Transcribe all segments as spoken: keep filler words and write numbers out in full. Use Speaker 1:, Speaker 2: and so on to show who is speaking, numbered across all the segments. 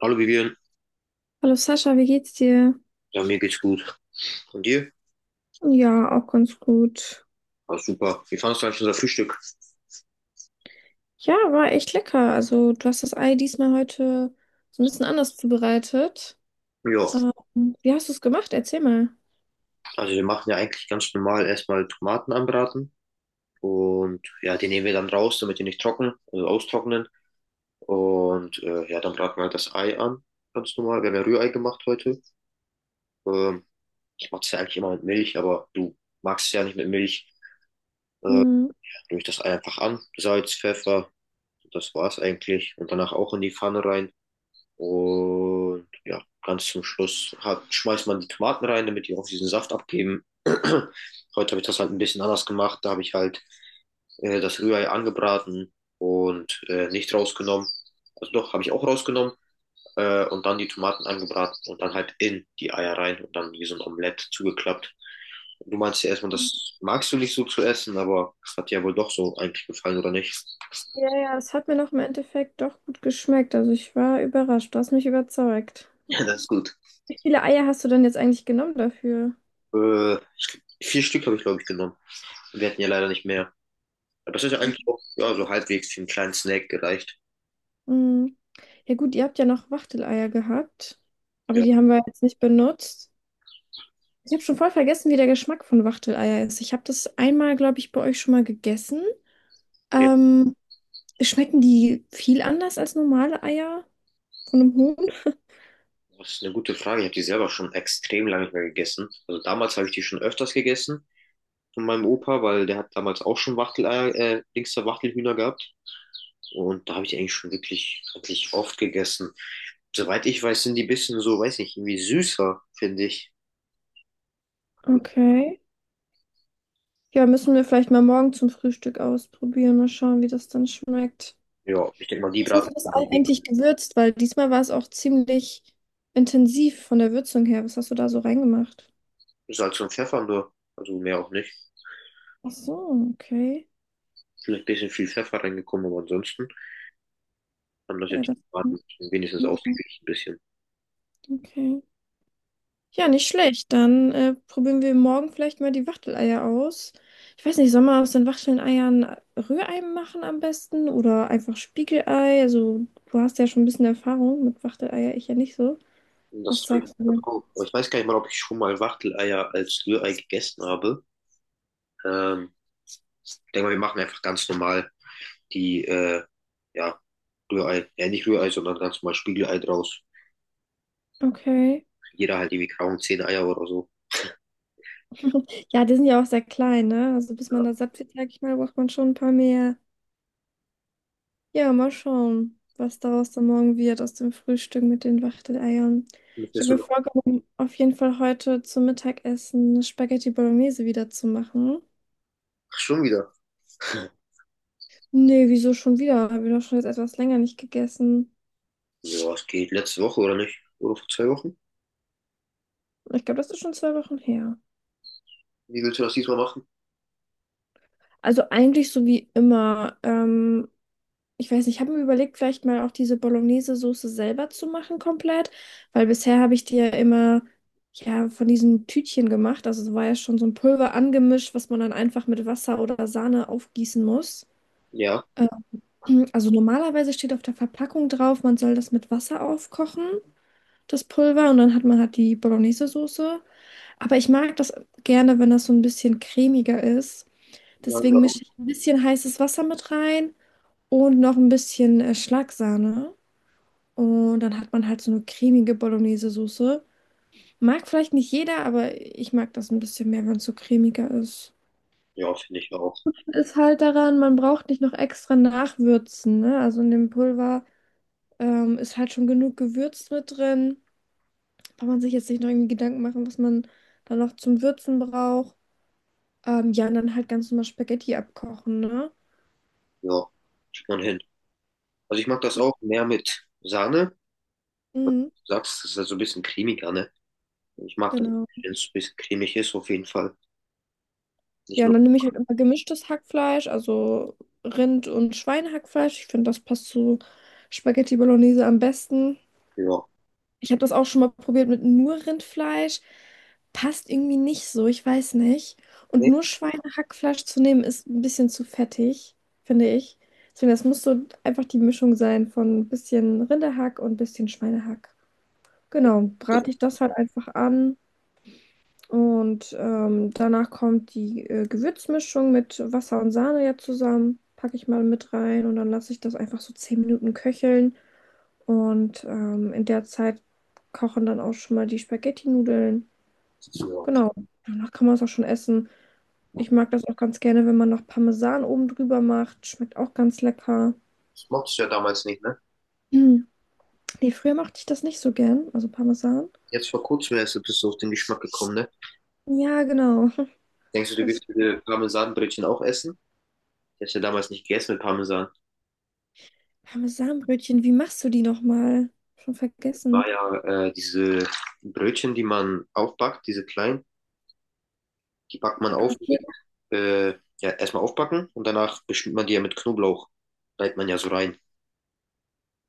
Speaker 1: Hallo Vivian,
Speaker 2: Hallo Sascha, wie geht's dir?
Speaker 1: ja, mir geht's gut. Und dir?
Speaker 2: Ja, auch ganz gut.
Speaker 1: Ah, super. Wie fandest du eigentlich unser Frühstück?
Speaker 2: Ja, war echt lecker. Also, du hast das Ei diesmal heute so ein bisschen anders zubereitet.
Speaker 1: Ja,
Speaker 2: Ähm, wie hast du es gemacht? Erzähl mal.
Speaker 1: also wir machen ja eigentlich ganz normal erstmal Tomaten anbraten und ja, die nehmen wir dann raus, damit die nicht trocken, also austrocknen. Und äh, ja, dann braten wir halt das Ei an, ganz normal. Wir haben ja Rührei gemacht heute. Ähm, Ich mache das ja eigentlich immer mit Milch, aber du magst es ja nicht mit Milch.
Speaker 2: Mhm.
Speaker 1: Rühre ich das Ei einfach an, Salz, Pfeffer, das war's eigentlich. Und danach auch in die Pfanne rein. Und ja, ganz zum Schluss hat, schmeißt man die Tomaten rein, damit die auch diesen Saft abgeben. Heute habe ich das halt ein bisschen anders gemacht. Da habe ich halt äh, das Rührei angebraten und äh, nicht rausgenommen. Also doch, habe ich auch rausgenommen. Äh, und dann die Tomaten angebraten und dann halt in die Eier rein und dann wie so ein Omelett zugeklappt. Du meinst ja erstmal, das magst du nicht so zu essen, aber es hat dir ja wohl doch so eigentlich gefallen, oder nicht?
Speaker 2: Ja, ja, es hat mir noch im Endeffekt doch gut geschmeckt. Also, ich war überrascht. Du hast mich überzeugt.
Speaker 1: Ja, das ist gut.
Speaker 2: Wie viele Eier hast du denn jetzt eigentlich genommen dafür?
Speaker 1: Äh, ich, vier Stück habe ich, glaube ich, genommen. Wir hatten ja leider nicht mehr. Aber das ist ja eigentlich auch ja, so halbwegs für einen kleinen Snack gereicht.
Speaker 2: Mhm. Ja, gut, ihr habt ja noch Wachteleier gehabt, aber
Speaker 1: Ja.
Speaker 2: die haben wir jetzt nicht benutzt. Ich habe schon voll vergessen, wie der Geschmack von Wachteleier ist. Ich habe das einmal, glaube ich, bei euch schon mal gegessen.
Speaker 1: ja,
Speaker 2: Ähm, schmecken die viel anders als normale Eier von einem Huhn?
Speaker 1: das ist eine gute Frage. Ich habe die selber schon extrem lange nicht mehr gegessen. Also damals habe ich die schon öfters gegessen von meinem Opa, weil der hat damals auch schon Wachteleier, äh, links der Wachtelhühner gehabt. Und da habe ich die eigentlich schon wirklich, wirklich oft gegessen. Soweit ich weiß, sind die ein bisschen so, weiß nicht, irgendwie süßer, finde ich.
Speaker 2: Okay. Ja, müssen wir vielleicht mal morgen zum Frühstück ausprobieren. Mal schauen, wie das dann schmeckt.
Speaker 1: Ja, ich denke mal, die
Speaker 2: Was hast
Speaker 1: braten
Speaker 2: du das Ei eigentlich gewürzt? Weil diesmal war es auch ziemlich intensiv von der Würzung her. Was hast du da so reingemacht?
Speaker 1: ist halt so ein Pfeffer nur. Also mehr auch nicht.
Speaker 2: Ach so, okay.
Speaker 1: Vielleicht ein bisschen viel Pfeffer reingekommen, aber ansonsten haben das ja
Speaker 2: Ja,
Speaker 1: die
Speaker 2: das.
Speaker 1: Braten wenigstens ausgeglichen ein bisschen.
Speaker 2: Okay. Ja,
Speaker 1: Ja.
Speaker 2: nicht schlecht. Dann äh, probieren wir morgen vielleicht mal die Wachteleier aus. Ich weiß nicht, soll man aus den Wachteleiern Rührei machen am besten oder einfach Spiegelei? Also, du hast ja schon ein bisschen Erfahrung mit Wachteleier, ich ja nicht so.
Speaker 1: Und
Speaker 2: Was
Speaker 1: Das habe ich
Speaker 2: sagst du denn?
Speaker 1: vertraut. Aber ich weiß gar nicht mal, ob ich schon mal Wachteleier als Rührei gegessen habe. Ähm, Ich denke mal, wir machen einfach ganz normal die, äh, ja, Rührei. Ja, nicht Rührei, sondern ganz normal Spiegelei draus.
Speaker 2: Okay.
Speaker 1: Jeder halt irgendwie kaum zehn Eier oder so.
Speaker 2: Ja, die sind ja auch sehr klein, ne? Also, bis man
Speaker 1: Ja.
Speaker 2: da satt wird, sag ich mal, braucht man schon ein paar mehr. Ja, mal schauen, was daraus dann morgen wird aus dem Frühstück mit den Wachteleiern.
Speaker 1: Müssen
Speaker 2: Ich
Speaker 1: wir
Speaker 2: habe
Speaker 1: schon.
Speaker 2: mir vorgenommen, auf jeden Fall heute zum Mittagessen Spaghetti Bolognese wieder zu machen.
Speaker 1: Ach, schon wieder.
Speaker 2: Nee, wieso schon wieder? Habe ich doch schon jetzt etwas länger nicht gegessen.
Speaker 1: Ja, es geht. Letzte Woche oder nicht? Oder vor zwei Wochen?
Speaker 2: Ich glaube, das ist schon zwei Wochen her.
Speaker 1: Wie willst du das diesmal machen?
Speaker 2: Also eigentlich so wie immer. Ähm, ich weiß nicht, ich habe mir überlegt, vielleicht mal auch diese Bolognese-Soße selber zu machen komplett, weil bisher habe ich die ja immer ja, von diesen Tütchen gemacht. Also es war ja schon so ein Pulver angemischt, was man dann einfach mit Wasser oder Sahne aufgießen muss.
Speaker 1: Ja.
Speaker 2: Ähm, Also normalerweise steht auf der Verpackung drauf, man soll das mit Wasser aufkochen, das Pulver, und dann hat man halt die Bolognese-Soße. Aber ich mag das gerne, wenn das so ein bisschen cremiger ist.
Speaker 1: Ja, ich
Speaker 2: Deswegen
Speaker 1: auch.
Speaker 2: mische ich ein bisschen heißes Wasser mit rein und noch ein bisschen äh, Schlagsahne. Und dann hat man halt so eine cremige Bolognese-Soße. Mag vielleicht nicht jeder, aber ich mag das ein bisschen mehr, wenn es so cremiger ist.
Speaker 1: Ja, finde ich auch.
Speaker 2: Ist halt daran, man braucht nicht noch extra nachwürzen, ne? Also in dem Pulver ähm, ist halt schon genug Gewürz mit drin. Braucht man sich jetzt nicht noch irgendwie Gedanken machen, was man da noch zum Würzen braucht. Ähm, ja, und dann halt ganz normal Spaghetti abkochen, ne?
Speaker 1: Ja, kriegt man hin. Also ich mag das auch mehr mit Sahne.
Speaker 2: Mhm,
Speaker 1: Du sagst, es ist ja so ein bisschen cremiger, ne? Ich mag das,
Speaker 2: genau.
Speaker 1: wenn es ein bisschen cremig ist, auf jeden Fall. Nicht
Speaker 2: Ja, und
Speaker 1: nur,
Speaker 2: dann nehme ich halt immer gemischtes Hackfleisch, also Rind- und Schweinehackfleisch. Ich finde, das passt zu Spaghetti Bolognese am besten.
Speaker 1: ja.
Speaker 2: Ich habe das auch schon mal probiert mit nur Rindfleisch. Passt irgendwie nicht so, ich weiß nicht. Und
Speaker 1: Nee,
Speaker 2: nur Schweinehackfleisch zu nehmen, ist ein bisschen zu fettig, finde ich. Deswegen, das muss so einfach die Mischung sein von ein bisschen Rinderhack und ein bisschen Schweinehack.
Speaker 1: nee,
Speaker 2: Genau,
Speaker 1: das,
Speaker 2: brate ich das halt einfach an. Und ähm, danach kommt die äh, Gewürzmischung mit Wasser und Sahne ja zusammen. Packe ich mal mit rein und dann lasse ich das einfach so zehn Minuten köcheln. Und ähm, in der Zeit kochen dann auch schon mal die Spaghetti-Nudeln.
Speaker 1: ja.
Speaker 2: Genau. Danach kann man es auch schon essen. Ich mag das auch ganz gerne, wenn man noch Parmesan oben drüber macht. Schmeckt auch ganz lecker.
Speaker 1: Das mochtest du ja damals nicht, ne?
Speaker 2: Hm. Nee, früher mochte ich das nicht so gern, also Parmesan.
Speaker 1: Jetzt vor kurzem erst bist du auf den Geschmack gekommen, ne?
Speaker 2: Ja, genau.
Speaker 1: Denkst du, du
Speaker 2: Das
Speaker 1: willst diese Parmesanbrötchen auch essen? Ich hab's ja damals nicht gegessen mit Parmesan.
Speaker 2: Parmesanbrötchen, wie machst du die nochmal? Schon
Speaker 1: War
Speaker 2: vergessen.
Speaker 1: ja äh, diese Brötchen, die man aufbackt, diese kleinen, die backt man
Speaker 2: Ah,
Speaker 1: auf mit, äh, ja, erstmal aufbacken und danach beschmiert man die ja mit Knoblauch. Reibt man ja so rein.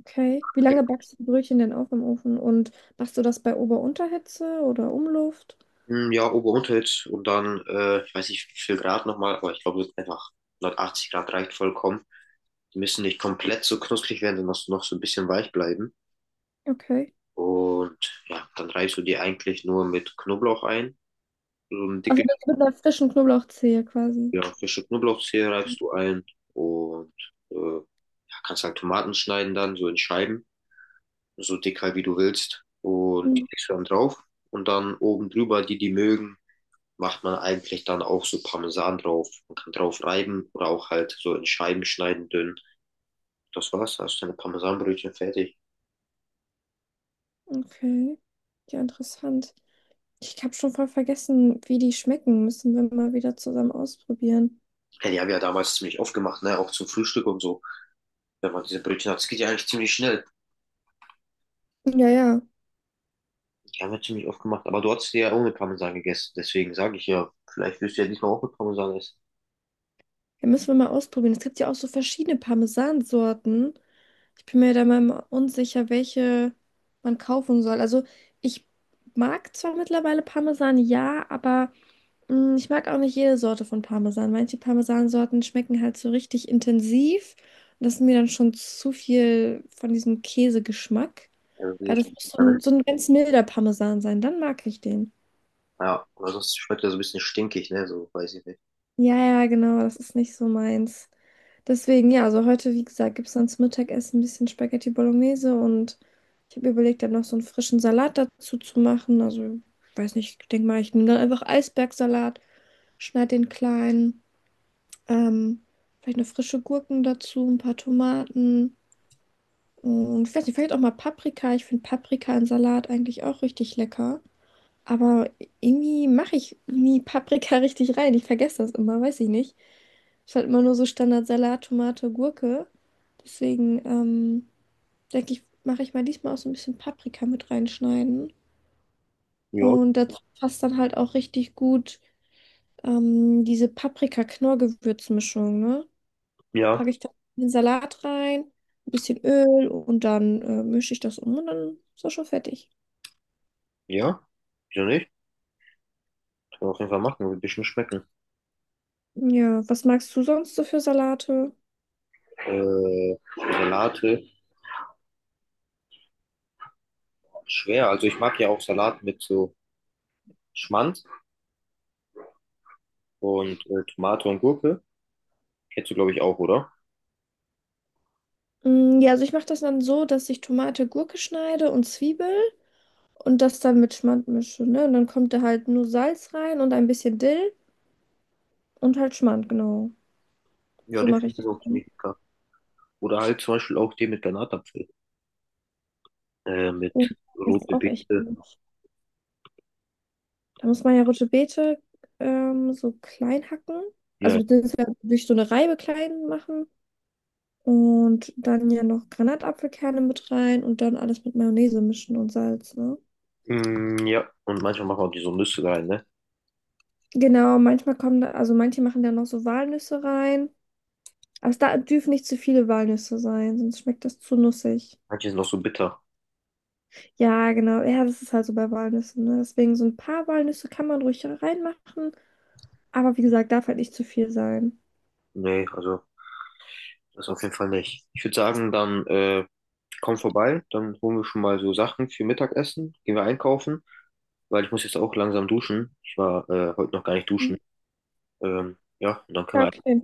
Speaker 2: okay. Wie lange backst du die Brötchen denn auf im Ofen? Und machst du das bei Ober-Unterhitze oder Umluft?
Speaker 1: Hm, ja, Ober- und Unterhitze und dann, äh, ich weiß nicht wie viel Grad nochmal, aber ich glaube einfach hundertachtzig Grad reicht vollkommen. Die müssen nicht komplett so knusprig werden, sondern noch so ein bisschen weich bleiben.
Speaker 2: Okay.
Speaker 1: Und ja, dann reibst du die eigentlich nur mit Knoblauch ein. So ein
Speaker 2: Also
Speaker 1: dicke,
Speaker 2: das mit einer frischen Knoblauchzehe quasi.
Speaker 1: ja, frische Knoblauchzehe reibst du ein und äh, ja, kannst halt Tomaten schneiden dann so in Scheiben, so dick halt wie du willst. Und die
Speaker 2: Mhm.
Speaker 1: legst du dann drauf und dann oben drüber, die die mögen, macht man eigentlich dann auch so Parmesan drauf. Man kann drauf reiben oder auch halt so in Scheiben schneiden, dünn. Das war's, hast du deine Parmesanbrötchen fertig.
Speaker 2: Okay. Ja, interessant. Ich habe schon voll vergessen, wie die schmecken. Müssen wir mal wieder zusammen ausprobieren.
Speaker 1: Ja, die haben ja damals ziemlich oft gemacht, ne? Auch zum Frühstück und so. Wenn man diese Brötchen hat, es geht ja eigentlich ziemlich schnell.
Speaker 2: Ja, ja.
Speaker 1: Die haben wir ziemlich oft gemacht. Aber du hast die ja ohne Parmesan gegessen. Deswegen sage ich ja, vielleicht wirst du ja diesmal auch mit Parmesan essen.
Speaker 2: Ja, müssen wir mal ausprobieren. Es gibt ja auch so verschiedene Parmesansorten. Ich bin mir da mal unsicher, welche man kaufen soll. Also ich mag zwar mittlerweile Parmesan, ja, aber. Mm, Ich mag auch nicht jede Sorte von Parmesan. Manche Parmesansorten schmecken halt so richtig intensiv. Und das ist mir dann schon zu viel von diesem Käsegeschmack.
Speaker 1: Also,
Speaker 2: Aber
Speaker 1: diese Sch-
Speaker 2: das muss so
Speaker 1: ne?
Speaker 2: ein, so ein ganz milder Parmesan sein. Dann mag ich den.
Speaker 1: Ja, aber sonst schmeckt er so ein bisschen stinkig, ne? So, weiß ich nicht.
Speaker 2: Ja, ja, genau. Das ist nicht so meins. Deswegen, ja, also heute, wie gesagt, gibt es dann zum Mittagessen ein bisschen Spaghetti Bolognese und ich habe überlegt, dann noch so einen frischen Salat dazu zu machen. Also, ich weiß nicht, ich denke mal, ich nehme dann einfach Eisbergsalat, schneide den klein. Ähm, vielleicht noch frische Gurken dazu, ein paar Tomaten und ich weiß nicht, vielleicht auch mal Paprika. Ich finde Paprika in Salat eigentlich auch richtig lecker. Aber irgendwie mache ich nie Paprika richtig rein. Ich vergesse das immer, weiß ich nicht. Ist halt immer nur so Standard-Salat, Tomate, Gurke. Deswegen ähm, denke ich, mache ich mal diesmal auch so ein bisschen Paprika mit reinschneiden.
Speaker 1: Ja,
Speaker 2: Und dazu passt dann halt auch richtig gut ähm, diese Paprika-Knorr-Gewürzmischung, ne?
Speaker 1: ja,
Speaker 2: Packe ich dann den Salat rein, ein bisschen Öl und dann äh, mische ich das um und dann ist das schon fertig.
Speaker 1: ja. Wieso nicht? Kann man auf jeden Fall machen, wird ein bisschen schmecken.
Speaker 2: Ja, was magst du sonst so für Salate?
Speaker 1: Äh, Salate. Schwer. Also ich mag ja auch Salat mit so Schmand und äh, Tomate und Gurke. Kennst du, glaube ich, auch, oder?
Speaker 2: Mm, ja, also ich mache das dann so, dass ich Tomate, Gurke schneide und Zwiebel und das dann mit Schmand mische, ne? Und dann kommt da halt nur Salz rein und ein bisschen Dill und halt Schmand, genau.
Speaker 1: Ja,
Speaker 2: So
Speaker 1: den
Speaker 2: mache ich
Speaker 1: finde ich
Speaker 2: das
Speaker 1: auch
Speaker 2: dann.
Speaker 1: ziemlich lecker. Oder halt zum Beispiel auch den mit Granatapfel, äh, mit
Speaker 2: Und das ist
Speaker 1: rote
Speaker 2: auch echt
Speaker 1: Beete.
Speaker 2: gut. Da muss man ja Rote Beete ähm, so klein hacken.
Speaker 1: Ja.
Speaker 2: Also beziehungsweise durch so eine Reibe klein machen. Und dann ja noch Granatapfelkerne mit rein und dann alles mit Mayonnaise mischen und Salz, ne?
Speaker 1: Mm, ja, und manchmal machen wir auch die so Nüsse rein, ne?
Speaker 2: Genau, manchmal kommen da, also manche machen da noch so Walnüsse rein. Aber es da dürfen nicht zu viele Walnüsse sein, sonst schmeckt das zu nussig.
Speaker 1: Manche sind auch so bitter.
Speaker 2: Ja, genau. Ja, das ist halt so bei Walnüssen, ne? Deswegen so ein paar Walnüsse kann man ruhig reinmachen. Aber wie gesagt, darf halt nicht zu viel sein.
Speaker 1: Nee, also das auf jeden Fall nicht. Ich würde sagen, dann äh, komm vorbei, dann holen wir schon mal so Sachen für Mittagessen, gehen wir einkaufen, weil ich muss jetzt auch langsam duschen. Ich war äh, heute noch gar nicht duschen.
Speaker 2: Mhm.
Speaker 1: Ähm, ja, und dann können
Speaker 2: Ja,
Speaker 1: wir.
Speaker 2: okay.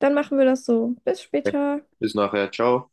Speaker 2: Dann machen wir das so. Bis
Speaker 1: Okay.
Speaker 2: später.
Speaker 1: Bis nachher, ciao.